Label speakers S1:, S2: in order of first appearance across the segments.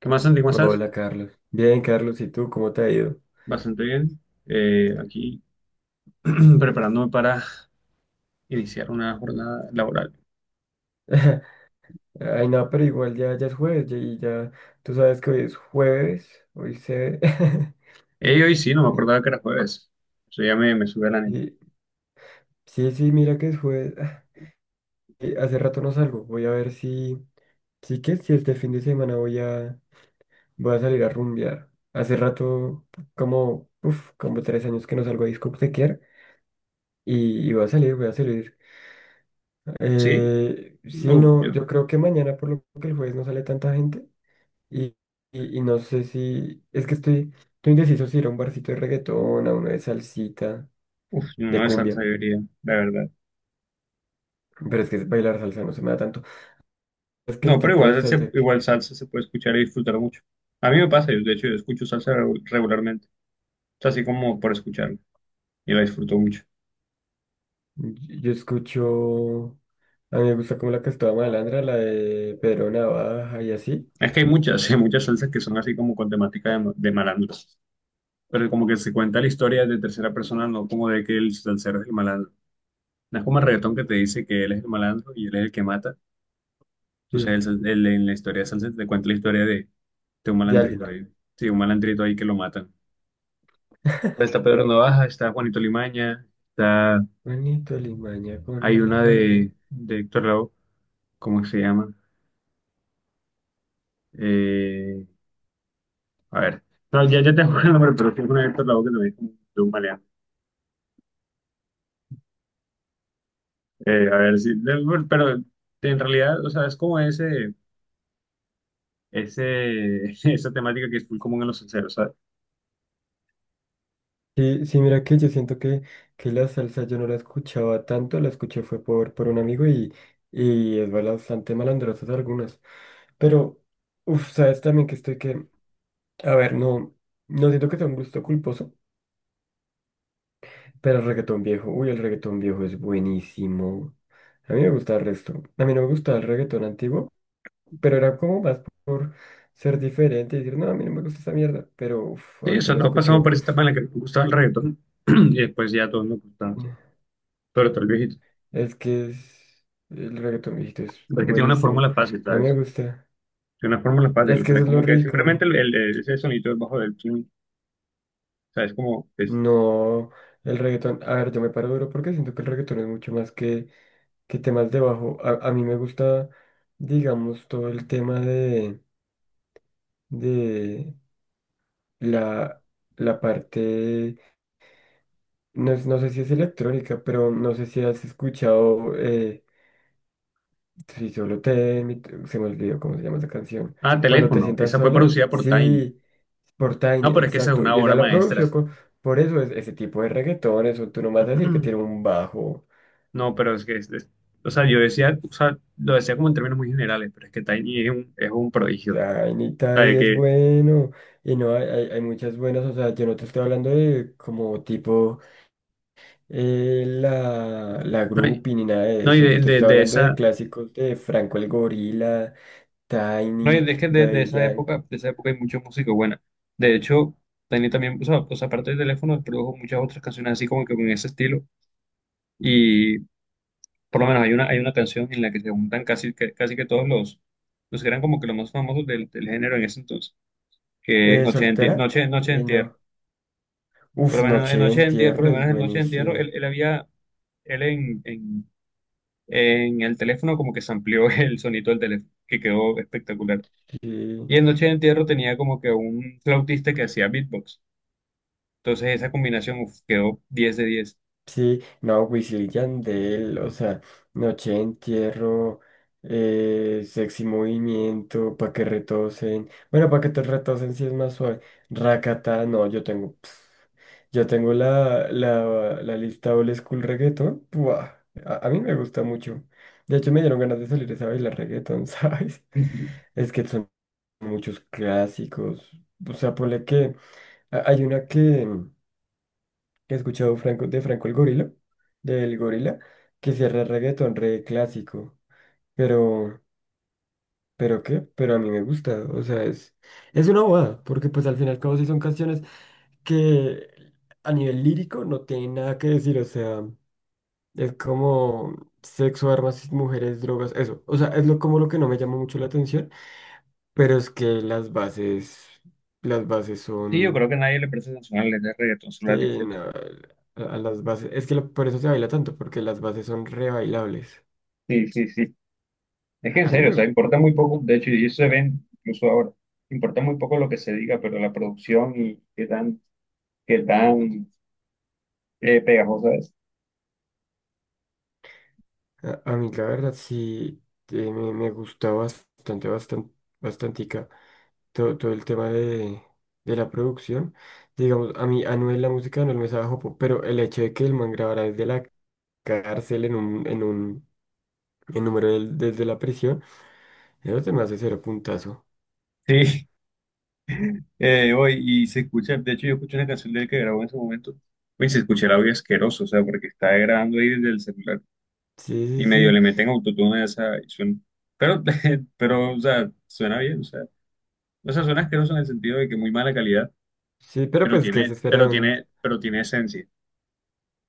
S1: ¿Qué más, Santi? ¿Cómo estás?
S2: Hola Carlos. Bien, Carlos, ¿y tú cómo te ha ido?
S1: Bastante bien. Aquí preparándome para iniciar una jornada laboral.
S2: Ay, no, pero igual ya, ya es jueves tú sabes que hoy es jueves, hoy se.
S1: Hoy sí, no me
S2: Y-
S1: acordaba que era jueves. Eso ya me sube el ánimo.
S2: y- sí, sí, mira que es jueves. Y hace rato no salgo, voy a ver si. Sí que si este fin de semana voy a salir a rumbear. Hace rato, uf, como 3 años que no salgo a discotequear y voy a salir, voy a salir.
S1: ¿Sí?
S2: Sí,
S1: Uf,
S2: no,
S1: yo,
S2: yo creo que mañana, por lo que el jueves no sale tanta gente. Y, y no sé si, es que estoy indeciso si ir a un barcito de reggaetón, a uno de salsita,
S1: uf, yo no
S2: de
S1: de
S2: cumbia,
S1: salsa yo diría, la verdad.
S2: pero es que bailar salsa no se me da tanto. Es que el
S1: No, pero
S2: tipo de
S1: igual,
S2: salsa que
S1: igual salsa se puede escuchar y disfrutar mucho. A mí me pasa, yo, de hecho, yo escucho salsa regularmente. O sea, así como por escucharla. Y la disfruto mucho.
S2: yo escucho, a mí me gusta como la que estaba malandra, la de Pedro Navaja y así,
S1: Es que hay muchas, hay muchas salsas que son así como con temática de malandro. Pero como que se cuenta la historia de tercera persona, no como de que el salsero es el malandro. No es como el reggaetón que te dice que él es el malandro y él es el que mata. Entonces
S2: sí,
S1: en la historia de salsa te cuenta la historia de un
S2: de alguien.
S1: malandrito ahí. Sí, un malandrito ahí que lo matan. Está Pedro Navaja, está Juanito Limaña, está,
S2: Juanito Limaña con
S1: hay
S2: mala
S1: una
S2: maña.
S1: de Héctor Lavoe, ¿cómo se llama? Eh, a ver, no, ya, ya tengo el nombre, pero tiene una de Héctor Lavoe que también es como de un maleante. A ver, sí, pero en realidad, o sea, es como ese, esa temática que es muy común en los salseros, ¿sabes?
S2: Sí, sí, mira que yo siento que, la salsa yo no la escuchaba tanto, la escuché fue por, un amigo y es bastante malandrosas algunas. Pero, uff, sabes también que estoy que, a ver, no, no siento que sea un gusto culposo, pero el reggaetón viejo, uy, el reggaetón viejo es buenísimo. A mí me gusta el resto. A mí no me gustaba el reggaetón antiguo, pero era como más por ser diferente y decir, no, a mí no me gusta esa mierda, pero uff,
S1: Sí,
S2: ahorita
S1: eso,
S2: lo
S1: todos pasamos
S2: escucho.
S1: por esa etapa en la que nos gustaba el reggaetón y después ya todo nos gustaba, sobre todo el viejito.
S2: Es que es, el reggaetón viejito es
S1: Pero es que tiene una
S2: buenísimo.
S1: fórmula fácil,
S2: A mí me
S1: ¿sabes?
S2: gusta.
S1: Tiene una fórmula fácil,
S2: Es
S1: o
S2: que
S1: sea,
S2: eso es lo
S1: como que simplemente
S2: rico.
S1: ese sonido del bajo del chin, o sea, es como, es,
S2: No, el reggaetón. A ver, yo me paro duro porque siento que el reggaetón es mucho más que, temas de bajo. A mí me gusta, digamos, todo el tema de la, la parte. No, no sé si es electrónica, pero no sé si has escuchado. Si solo te. Se me olvidó cómo se llama esa canción.
S1: ah,
S2: Cuando te
S1: teléfono,
S2: sientas
S1: esa fue
S2: sola.
S1: producida por Tiny.
S2: Sí. Por
S1: No,
S2: Tiny,
S1: pero es que esa es
S2: exacto.
S1: una
S2: Y esa
S1: obra
S2: la
S1: maestra.
S2: producción co-. Por eso es ese tipo de reggaetón, eso tú no vas a decir que tiene un bajo.
S1: No, pero es que, o sea, yo decía, o sea, lo decía como en términos muy generales, pero es que Tiny es es un prodigio. O
S2: Tiny,
S1: sea,
S2: Tiny
S1: de
S2: es
S1: que,
S2: bueno. Y no, hay muchas buenas. O sea, yo no te estoy hablando de como tipo la
S1: no, y
S2: groupie ni nada de
S1: no, y
S2: eso.
S1: de,
S2: Yo te
S1: de
S2: estoy
S1: de
S2: hablando de
S1: esa...
S2: clásicos de Franco el Gorila,
S1: No, y
S2: Tiny,
S1: es que
S2: Daddy Yankee.
S1: de esa época hay mucha música buena. De hecho, Tiny también, o sea, aparte del teléfono, produjo muchas otras canciones así como que con ese estilo. Y por lo menos hay una canción en la que se juntan casi que todos los que eran como que los más famosos del género en ese entonces, que es Noche de Entierro.
S2: ¿Soltera?
S1: Noche, Noche de Entierro.
S2: No.
S1: Por
S2: Uf,
S1: lo menos en
S2: Noche de
S1: Noche de Entierro, por
S2: Entierro
S1: lo
S2: es
S1: menos en Noche de Entierro,
S2: buenísima.
S1: él había, él en, en, en el teléfono como que amplió el sonido del teléfono, que quedó espectacular.
S2: Sí.
S1: Y en Noche de Entierro tenía como que un flautista que hacía beatbox. Entonces esa combinación uf, quedó 10 de 10.
S2: Sí, no, Wisin y Yandel, o sea, Noche de Entierro, Sexy Movimiento, Pa' que retosen. Bueno, Pa' que te retosen si es más suave. Rakata, no, yo tengo. Yo tengo la lista Old School Reggaeton. A mí me gusta mucho. De hecho, me dieron ganas de salir esa bailar reggaeton, ¿sabes?
S1: Sí,
S2: Es que son muchos clásicos. O sea, ponle que hay una que he escuchado Franco, de Franco el Gorila, del Gorila, que cierra reggaetón re clásico. Pero, ¿Pero qué? Pero a mí me gusta, o sea, es una bobada, porque pues al final y al cabo sí son canciones que a nivel lírico no tienen nada que decir, o sea, es como sexo, armas, mujeres, drogas, eso. O sea, es lo, como lo que no me llama mucho la atención, pero es que las bases
S1: yo
S2: son.
S1: creo que nadie le presta atención a las letras de reggaetón, solo las
S2: Sí,
S1: disfruta.
S2: no, a las bases. Es que por eso se baila tanto, porque las bases son re bailables.
S1: Sí, sí, sí. Es que en
S2: A mí,
S1: serio, o sea,
S2: me-
S1: importa muy poco, de hecho, y eso se ven incluso ahora, importa muy poco lo que se diga, pero la producción y qué tan pegajosa es.
S2: a mí la verdad sí me gusta bastante, bastante, bastantica todo el tema de la producción. Digamos, a mí Anuel, la música no me sabe a jopo, pero el hecho de que el man grabara desde la cárcel en un, en un, en número del- desde la prisión, eso se me hace cero puntazo.
S1: Sí, y se escucha, de hecho yo escuché una canción de él que grabó en ese momento, y se escucha el audio asqueroso, o sea, porque está grabando ahí desde el celular.
S2: Sí,
S1: Y
S2: sí,
S1: medio
S2: sí.
S1: le meten autotune a esa y suena. Pero, pero, o sea, suena bien, o sea, suena asqueroso en el sentido de que muy mala calidad,
S2: Sí, pero
S1: pero
S2: pues que se
S1: tiene,
S2: espera de
S1: pero
S2: un.
S1: tiene, pero tiene esencia.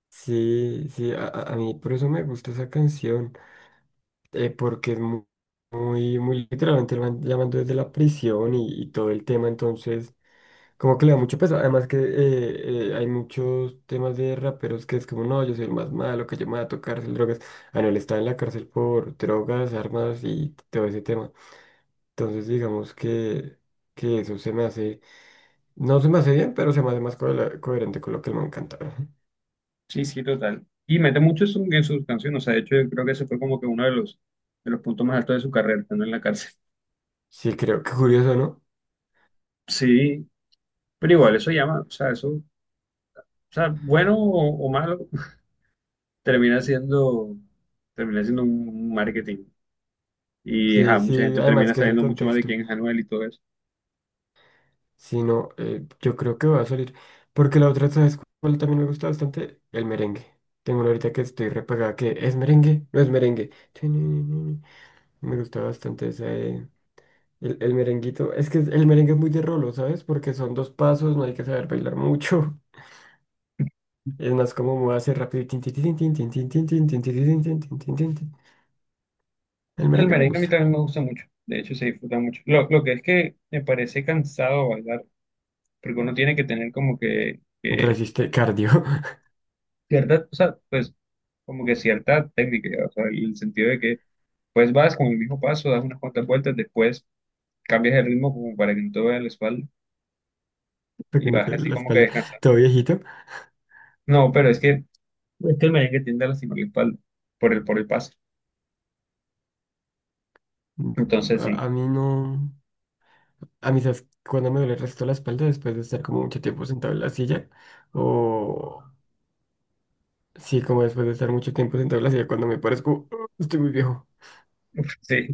S2: Sí, sí, a mí por eso me gusta esa canción, porque es muy, muy, literalmente lo van llamando desde la prisión y todo el tema, entonces como que le da mucho peso, además que hay muchos temas de raperos que es como, no, yo soy el más malo, que yo me voy a tocar cárcel, drogas, ah, no, él está en la cárcel por drogas, armas y todo ese tema, entonces digamos que, eso se me hace, no se me hace bien, pero se me hace más coherente con lo que el man canta.
S1: Sí, sí, total. Y mete mucho eso en sus canciones, o sea, de hecho, yo creo que ese fue como que uno de los puntos más altos de su carrera, estando en la cárcel.
S2: Sí, creo que curioso, ¿no?
S1: Sí, pero igual, eso llama, o sea, eso, o sea, bueno o malo, termina siendo, termina siendo un marketing. Y,
S2: Sí,
S1: ajá, mucha
S2: sí,
S1: gente
S2: además
S1: termina
S2: que es el
S1: sabiendo mucho más de
S2: contexto.
S1: quién es Anuel y todo eso.
S2: Si no, yo creo que va a salir. Porque la otra, ¿sabes cuál también me gusta bastante? El merengue. Tengo una ahorita que estoy repagada que es merengue, no es merengue. Tininininini. Me gusta bastante esa, el merenguito. Es que el merengue es muy de rolo, ¿sabes? Porque son dos pasos, no hay que saber bailar mucho. Es más como moverse rápido. Y tin, tin, tin, tin, tin, tin, tin, tin, tin, tin, tin, tin, tin, tin, tin, tin. El
S1: El
S2: merengue me
S1: merengue a mí
S2: gusta.
S1: también me gusta mucho, de hecho se disfruta mucho. Lo que es que me parece cansado bailar, porque uno tiene que tener como que
S2: Resiste cardio,
S1: cierta, o sea, pues como que cierta técnica, ya, o sea, en el sentido de que pues vas con el mismo paso, das unas cuantas vueltas, después cambias el ritmo como para que no te vea la espalda
S2: para
S1: y
S2: que no
S1: vas
S2: te
S1: así
S2: duele la
S1: como que
S2: espalda.
S1: descansando.
S2: Todo viejito.
S1: No, pero es que el merengue tiende a lastimar la espalda por el paso,
S2: Mm,
S1: entonces
S2: A,
S1: sí.
S2: a mí no, a mí sabes cuando me duele el resto de la espalda después de estar como mucho tiempo sentado en la silla o sí, como después de estar mucho tiempo sentado en la silla cuando me parezco, estoy muy viejo.
S1: Sí,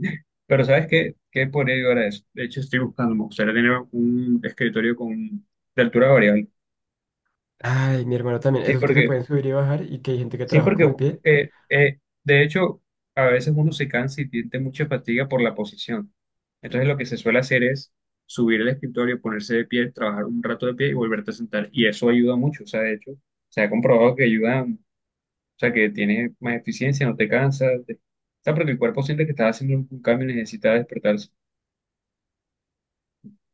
S1: pero ¿sabes qué? ¿Qué podría llegar a eso? De hecho, estoy buscando, me gustaría tener un escritorio con, de altura variable.
S2: Ay, mi hermano también,
S1: Sí,
S2: esos que se
S1: porque,
S2: pueden subir y bajar y que hay gente que
S1: sí,
S2: trabaja como
S1: porque
S2: de pie.
S1: de hecho, a veces uno se cansa y siente mucha fatiga por la posición. Entonces, lo que se suele hacer es subir el escritorio, ponerse de pie, trabajar un rato de pie y volverte a sentar. Y eso ayuda mucho, o sea, de hecho, se ha comprobado que ayuda, o sea, que tienes más eficiencia, no te cansas, te- o sea, porque el cuerpo siente que estás haciendo un cambio y necesita despertarse.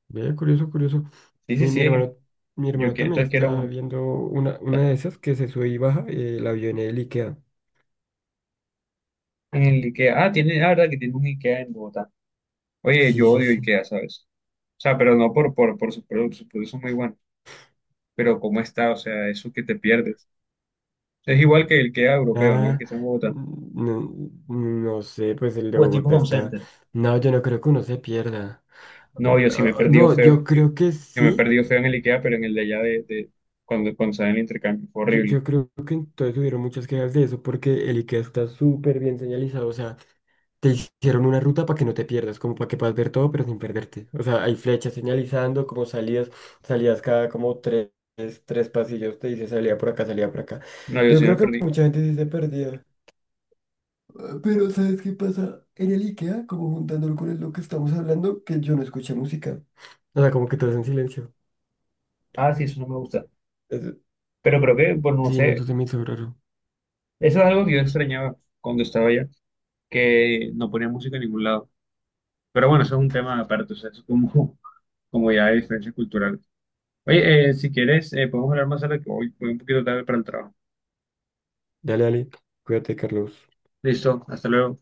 S2: Ve, curioso, curioso.
S1: Sí, sí,
S2: Y
S1: sí, es
S2: mi
S1: yo
S2: hermano
S1: que,
S2: también
S1: entonces quiero
S2: está
S1: uno.
S2: viendo una, de esas que se sube y baja, la vio en el IKEA.
S1: En el IKEA. Ah, tiene, la verdad que tiene un IKEA en Bogotá. Oye,
S2: Sí,
S1: yo
S2: sí,
S1: odio
S2: sí.
S1: IKEA, ¿sabes? O sea, pero no por sus productos son muy buenos. Pero cómo está, o sea, eso que te pierdes. Es igual que el IKEA europeo, ¿no? El
S2: Ah,
S1: que está en Bogotá.
S2: no, no sé, pues el de
S1: Pues tipo
S2: Bogotá
S1: home
S2: está.
S1: center.
S2: No, yo no creo que uno se pierda.
S1: No, yo sí me he
S2: Ah,
S1: perdido
S2: no, yo
S1: feo. Yo,
S2: creo que
S1: yo me he
S2: sí.
S1: perdido feo en el IKEA, pero en el de allá de cuando, cuando sale el intercambio. Fue
S2: Yo,
S1: horrible.
S2: yo creo que entonces hubieron muchas quejas de eso porque el IKEA está súper bien señalizado. O sea, te hicieron una ruta para que no te pierdas, como para que puedas ver todo, pero sin perderte. O sea, hay flechas señalizando, como salidas, salidas cada como tres pasillos, te dice salida por acá, salida por acá.
S1: No, yo
S2: Yo
S1: sí me
S2: creo que
S1: perdí.
S2: mucha gente sí se perdió. Pero ¿sabes qué pasa? En el IKEA, como juntándolo con lo que estamos hablando, que yo no escuché música. O sea, como que estás en silencio.
S1: Ah, sí, eso no me gusta.
S2: Es-
S1: Pero creo que, pues no
S2: Sí, no, eso
S1: sé,
S2: se me hizo raro.
S1: eso es algo que yo extrañaba cuando estaba allá, que no ponía música en ningún lado. Pero bueno, eso es un tema aparte, o sea, eso es como, como ya hay diferencias culturales. Oye, si quieres, podemos hablar más tarde, que hoy voy un poquito tarde para el trabajo.
S2: Dale, dale. Cuídate, Carlos.
S1: Listo, hasta luego.